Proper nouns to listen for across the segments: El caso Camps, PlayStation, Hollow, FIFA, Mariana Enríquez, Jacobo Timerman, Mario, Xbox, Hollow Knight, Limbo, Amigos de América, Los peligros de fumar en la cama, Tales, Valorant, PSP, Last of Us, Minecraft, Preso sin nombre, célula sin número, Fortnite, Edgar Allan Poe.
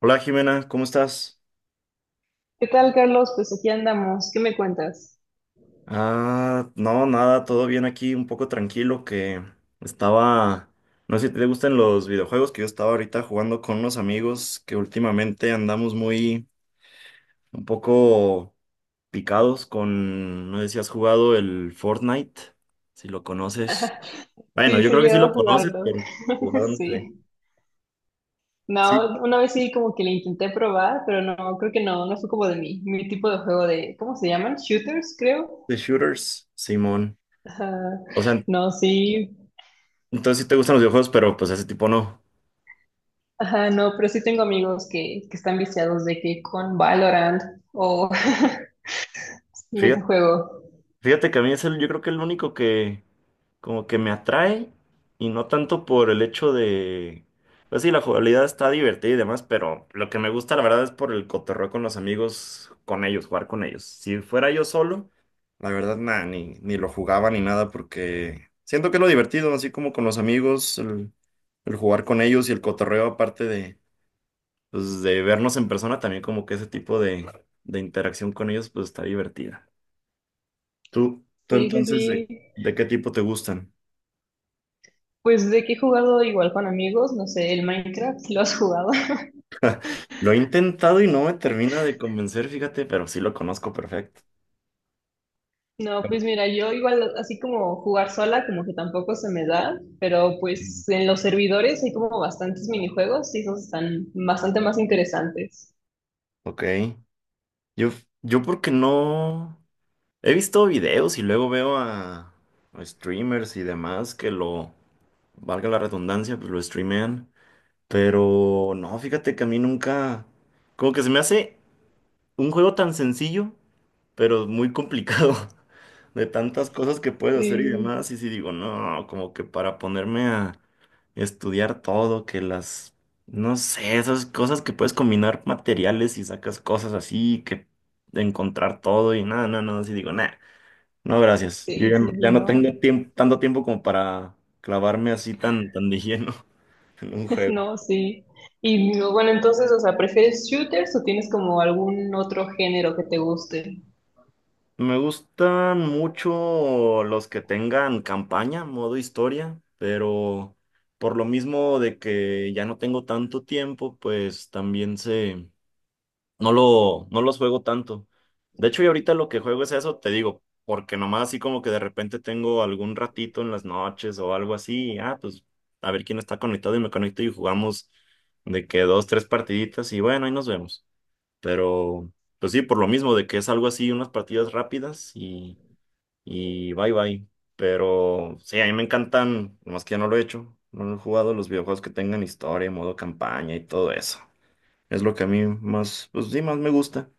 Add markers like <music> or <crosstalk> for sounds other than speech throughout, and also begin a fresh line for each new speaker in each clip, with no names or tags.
Hola Jimena, ¿cómo estás?
¿Qué tal, Carlos? Pues aquí andamos. ¿Qué me cuentas?
Ah, no, nada, todo bien aquí, un poco tranquilo que estaba, no sé si te gustan los videojuegos que yo estaba ahorita jugando con unos amigos que últimamente andamos muy, un poco picados con, no sé si has jugado el Fortnite, si lo conoces. Bueno,
Sí,
yo
sí,
creo que sí
llevo a
lo conoces,
jugarlo.
pero jugado
<laughs>
no sé.
Sí. No,
Sí,
una vez sí como que le intenté probar, pero no, creo que no, no fue como de mi tipo de juego de, ¿cómo se llaman? Shooters, creo.
de shooters, Simón.
Ajá.
O sea,
No, sí.
entonces sí te gustan los videojuegos, pero pues ese tipo no.
Ajá, no, pero sí tengo amigos que están viciados de que con Valorant o <laughs> de ese
Fíjate.
juego.
Fíjate que a mí es el, yo creo que el único que, como que me atrae y no tanto por el hecho de, pues sí, la jugabilidad está divertida y demás, pero lo que me gusta la verdad es por el cotorreo con los amigos, con ellos, jugar con ellos. Si fuera yo solo, la verdad nada, ni lo jugaba ni nada porque siento que es lo divertido, así como con los amigos, el jugar con ellos y el cotorreo aparte de, pues, de vernos en persona, también como que ese tipo de interacción con ellos pues está divertida. ¿Tú
Sí, sí,
entonces
sí.
de qué tipo te gustan?
Pues de que he jugado igual con amigos, no sé, el Minecraft, ¿lo has jugado?
Lo he intentado y no me termina de convencer, fíjate, pero sí lo conozco perfecto.
No, pues mira, yo igual así como jugar sola, como que tampoco se me da, pero
Ujú.
pues en los servidores hay como bastantes minijuegos y esos están bastante más interesantes.
Ok. Yo, yo porque no he visto videos y luego veo a streamers y demás que lo, valga la redundancia, pues lo streamean. Pero no, fíjate que a mí nunca, como que se me hace un juego tan sencillo, pero muy complicado, <laughs> de tantas cosas que puedes hacer y
Sí,
demás. Y si digo, no, como que para ponerme a estudiar todo, que las, no sé, esas cosas que puedes combinar materiales y sacas cosas así, que encontrar todo y nada, no, no, así digo, nada, no, gracias. Yo
sí,
ya no,
sí, sí,
ya no
no,
tengo tiempo, tanto tiempo como para clavarme así tan, tan de lleno <laughs> en un
<laughs>
juego.
no, sí. Y bueno, entonces, o sea, ¿prefieres shooters o tienes como algún otro género que te guste?
Me gustan mucho los que tengan campaña, modo historia, pero por lo mismo de que ya no tengo tanto tiempo, pues también se no lo, no los juego tanto. De hecho, y ahorita lo que juego es eso, te digo, porque nomás así como que de repente tengo algún ratito en las noches o algo así, y, ah, pues a ver quién está conectado y me conecto y jugamos de que dos, tres partiditas y bueno, ahí nos vemos. Pero, pues sí, por lo mismo, de que es algo así, unas partidas rápidas y bye bye. Pero sí, a mí me encantan, nomás que ya no lo he hecho, no lo he jugado, los videojuegos que tengan historia, modo campaña y todo eso. Es lo que a mí más, pues sí, más me gusta.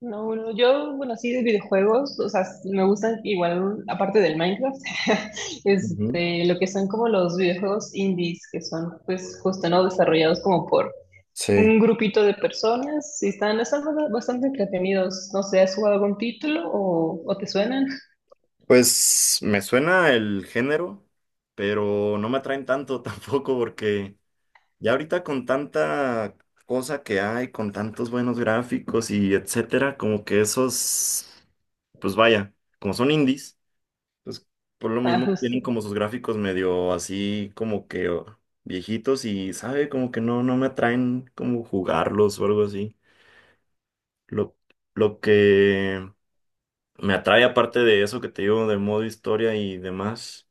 No, bueno yo, bueno, sí de videojuegos, o sea, s- me gustan igual, aparte del Minecraft, <laughs>
Ujú.
este, lo que son como los videojuegos indies, que son pues justo, ¿no? Desarrollados como por
Sí,
un grupito de personas y están bast- bastante entretenidos. No sé, ¿has jugado algún título o te suenan? <laughs>
pues me suena el género, pero no me atraen tanto <laughs> tampoco porque ya ahorita con tanta cosa que hay, con tantos buenos gráficos y etcétera, como que esos, pues vaya, como son indies, pues por lo
Ah,
mismo
justo.
tienen como sus gráficos medio así como que oh, viejitos y sabe, como que no, no me atraen como jugarlos o algo así. Lo, lo que me atrae aparte de eso que te digo del modo historia y demás,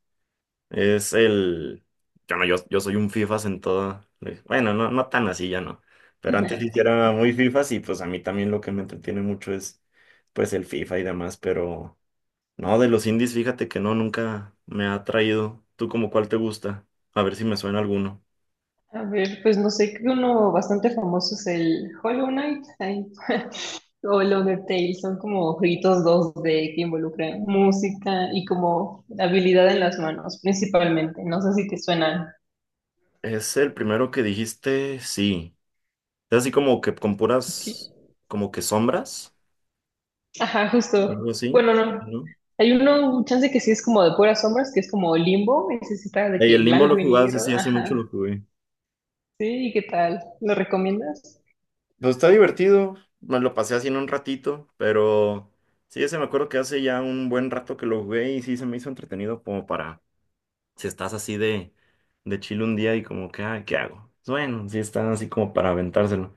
es el... Yo no, yo soy un FIFAs en toda... pues, bueno, no, no tan así, ya no. Pero antes sí que era muy FIFAs y pues a mí también lo que me entretiene mucho es pues el FIFA y demás, pero no, de los indies fíjate que no, nunca me ha atraído. ¿Tú como cuál te gusta? A ver si me suena alguno.
A ver, pues no sé, creo que uno bastante famoso es el Hollow Knight, ahí, <laughs> o lo de Tales, son como jueguitos dos d que involucran música y como habilidad en las manos, principalmente. No sé si te suenan.
Es el primero que dijiste, sí. Es así como que con
Ok.
puras, como que sombras,
Ajá,
algo
justo.
así,
Bueno, no.
¿no?
Hay uno, chance que sí es como de puras sombras, que es como Limbo, ese sí está de
Y el
que
Limbo lo
blanco y
jugás
negro.
así hace mucho lo
Ajá.
jugué.
Sí, ¿y qué tal? ¿Lo recomiendas?
Pues está divertido, me lo pasé así en un ratito, pero sí, ese me acuerdo que hace ya un buen rato que lo jugué y sí se me hizo entretenido como para, si estás así de chill un día y como que, ah, ¿qué hago? Pues bueno, sí está así como para aventárselo.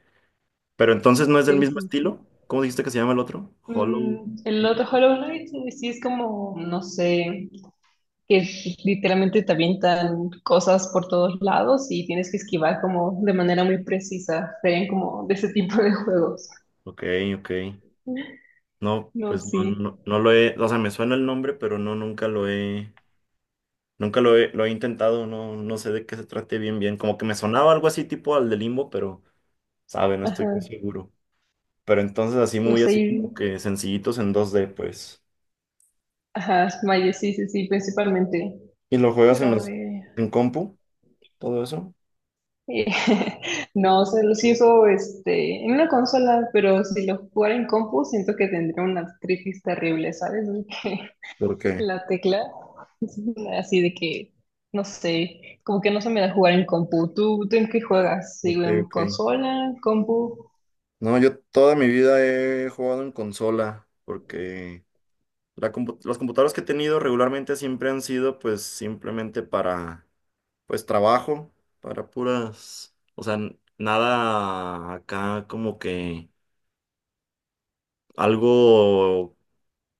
Pero entonces no es del
Sí,
mismo
sí, sí.
estilo. ¿Cómo dijiste que se llama el otro? Hollow.
Mm, el otro Hollow Knight, sí es como, no sé. Que literalmente te avientan cosas por todos lados y tienes que esquivar como de manera muy precisa. Serían como de ese tipo de juegos.
Ok, ok. No,
No,
pues no,
sí.
no, no lo he, o sea, me suena el nombre, pero no, nunca lo he, nunca lo he, lo he intentado, no, no sé de qué se trate bien, bien. Como que me sonaba algo así tipo al de Limbo, pero, sabe, no estoy
Ajá.
muy seguro. Pero entonces así
No
muy
sé.
así
Y-
como que sencillitos en 2D, pues.
ajá, Mario, sí, sí, sí, principalmente.
¿Y lo juegas
Pero
en
a
los,
ver.
en compu? ¿Todo eso?
eh, <laughs> No, o sea, lo sí eso este, en una consola, pero si lo jugara en compu, siento que tendría una artritis terrible, ¿sabes?
¿Por
<laughs>
qué?
La tecla, <laughs> así de que, no sé, como que no se me da jugar en compu. ¿Tú en qué juegas? ¿Sí,
Ok,
en
ok.
consola, compu?
No, yo toda mi vida he jugado en consola, porque las computadoras que he tenido regularmente siempre han sido pues simplemente para pues trabajo para puras, o sea, nada acá como que algo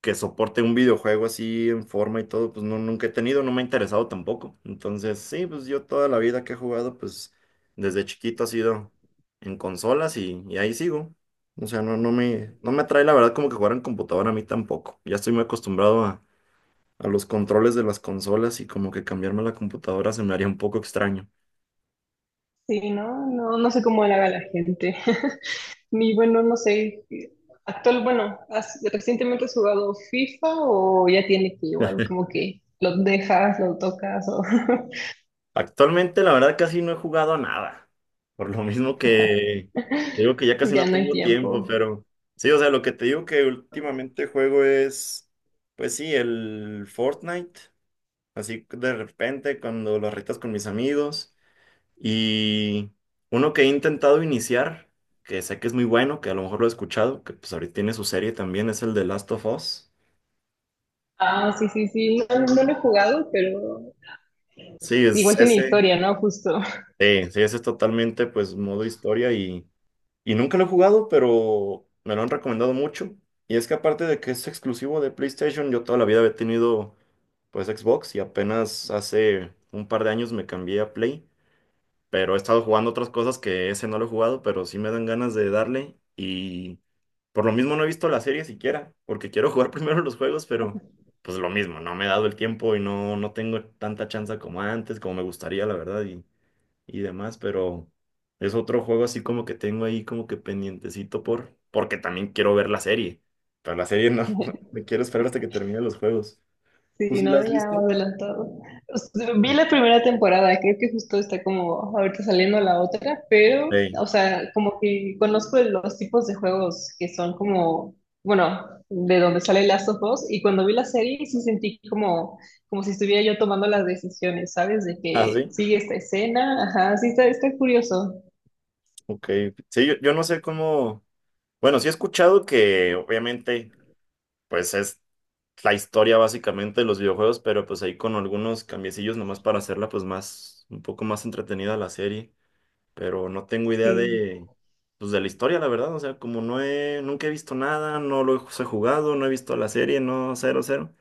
que soporte un videojuego así en forma y todo, pues no, nunca he tenido, no me ha interesado tampoco. Entonces, sí, pues yo toda la vida que he jugado, pues desde chiquito ha sido en consolas y ahí sigo. O sea, no me atrae la verdad como que jugar en computadora a mí tampoco. Ya estoy muy acostumbrado a los controles de las consolas y como que cambiarme a la computadora se me haría un poco extraño.
Sí, ¿no? No, no sé cómo le haga la gente. <laughs> Ni bueno, no sé. Actual, bueno, ¿has- ¿recientemente has jugado FIFA o ya tiene que igual como que lo dejas, lo tocas o
Actualmente, la verdad, casi no he jugado a nada. Por lo mismo que te digo que ya casi
<laughs> ya
no
no hay
tengo
tiempo?
tiempo, pero sí, o sea, lo que te digo que últimamente juego es, pues sí, el Fortnite. Así de repente, cuando las retas con mis amigos. Y uno que he intentado iniciar, que sé que es muy bueno, que a lo mejor lo he escuchado, que pues ahorita tiene su serie también, es el de Last of Us.
Ah, sí, sí, sí. No, no lo he jugado, pero
Sí, es
igual tiene
ese.
historia, ¿no? Justo.
Sí, sí, ese es totalmente, pues, modo historia y. Y nunca lo he jugado, pero me lo han recomendado mucho. Y es que aparte de que es exclusivo de PlayStation, yo toda la vida había tenido pues Xbox y apenas hace un par de años me cambié a Play. Pero he estado jugando otras cosas que ese no lo he jugado, pero sí me dan ganas de darle. Y por lo mismo no he visto la serie siquiera, porque quiero jugar <laughs> primero los juegos, pero pues lo mismo, no me he dado el tiempo y no, no tengo tanta chance como antes, como me gustaría, la verdad. Y demás, pero es otro juego así como que tengo ahí como que pendientecito por, porque también quiero ver la serie. Pero la serie no, <laughs> me quiero esperar hasta que termine los juegos. ¿Tú
Sí,
sí la
no,
has
ya
visto?
adelantado. O sea, vi la primera temporada, creo que justo está como ahorita saliendo la otra, pero,
Ey.
o sea, como que conozco los tipos de juegos que son como, bueno, de donde sale Last of Us, y cuando vi la serie sí sentí como, como si estuviera yo tomando las decisiones, ¿sabes? De
Ah,
que
sí,
sigue esta escena, ajá, sí está, está curioso.
ok. Sí, yo no sé cómo. Bueno, sí he escuchado que obviamente, pues es la historia básicamente de los videojuegos, pero pues ahí con algunos cambiecillos nomás para hacerla pues más, un poco más entretenida la serie. Pero no tengo idea
Sí,
de, pues, de la historia, la verdad. O sea, como no he, nunca he visto nada, no lo he jugado, no he visto la serie, no, cero, cero.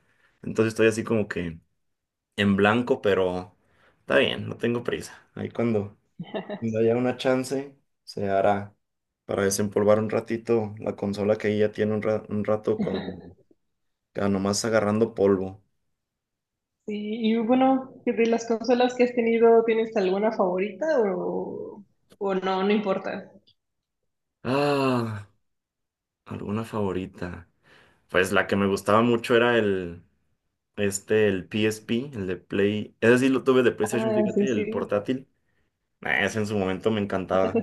Entonces estoy así como que en blanco, pero está bien, no tengo prisa. Ahí cuando, cuando haya una chance, se hará para desempolvar un ratito la consola que ahí ya tiene un, un rato con, ya nomás agarrando polvo.
sí. Y bueno, de las consolas que has tenido, ¿tienes alguna favorita o, o no, no importa?
Ah, alguna favorita. Pues la que me gustaba mucho era el... Este, el PSP, el de Play. Ese sí lo tuve de PlayStation,
Ah, sí,
fíjate, el
sí.
portátil. Nah, ese en su momento me encantaba.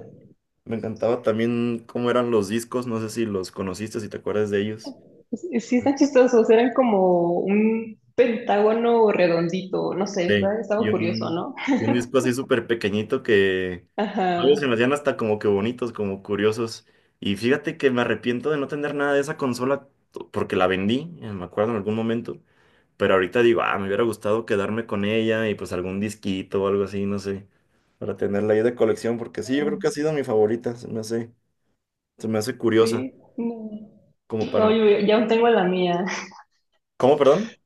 Me encantaba también cómo eran los discos, no sé si los conociste, si te acuerdas de ellos.
Sí, sí están chistosos, eran como un pentágono redondito, no sé,
Sí,
está- estaba curioso, ¿no?
y un disco así súper pequeñito que luego se me
Ajá,
hacían hasta como que bonitos, como curiosos. Y fíjate que me arrepiento de no tener nada de esa consola porque la vendí, me acuerdo en algún momento. Pero ahorita digo, ah, me hubiera gustado quedarme con ella y pues algún disquito o algo así, no sé, para tenerla ahí de colección, porque sí, yo creo que ha sido mi favorita, se me hace curiosa,
sí, no.
como
No,
para...
yo- yo aún tengo la mía, <laughs>
¿Cómo, perdón?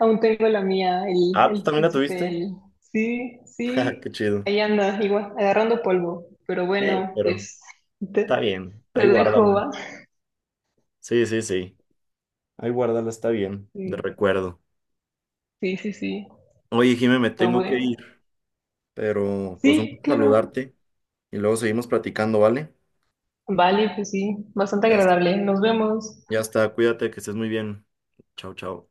aún tengo la mía,
Ah, ¿tú
el
también la
PSP,
tuviste? <laughs>
el- sí,
Ja,
sí,
qué chido.
ahí anda, igual, agarrando polvo, pero bueno,
Pero
pues te,
está bien, ahí
te dejo,
guárdala.
¿va?
Sí, sí, sí. Ahí guárdala, está bien, de
Sí,
recuerdo.
sí, sí, sí,
Oye, Jimé, me
pero
tengo que
bueno,
ir, pero pues un
sí,
gusto
claro,
saludarte y luego seguimos platicando, ¿vale?
vale, pues sí, bastante
Ya,
agradable, nos vemos.
ya está, cuídate, que estés muy bien. Chao, chao.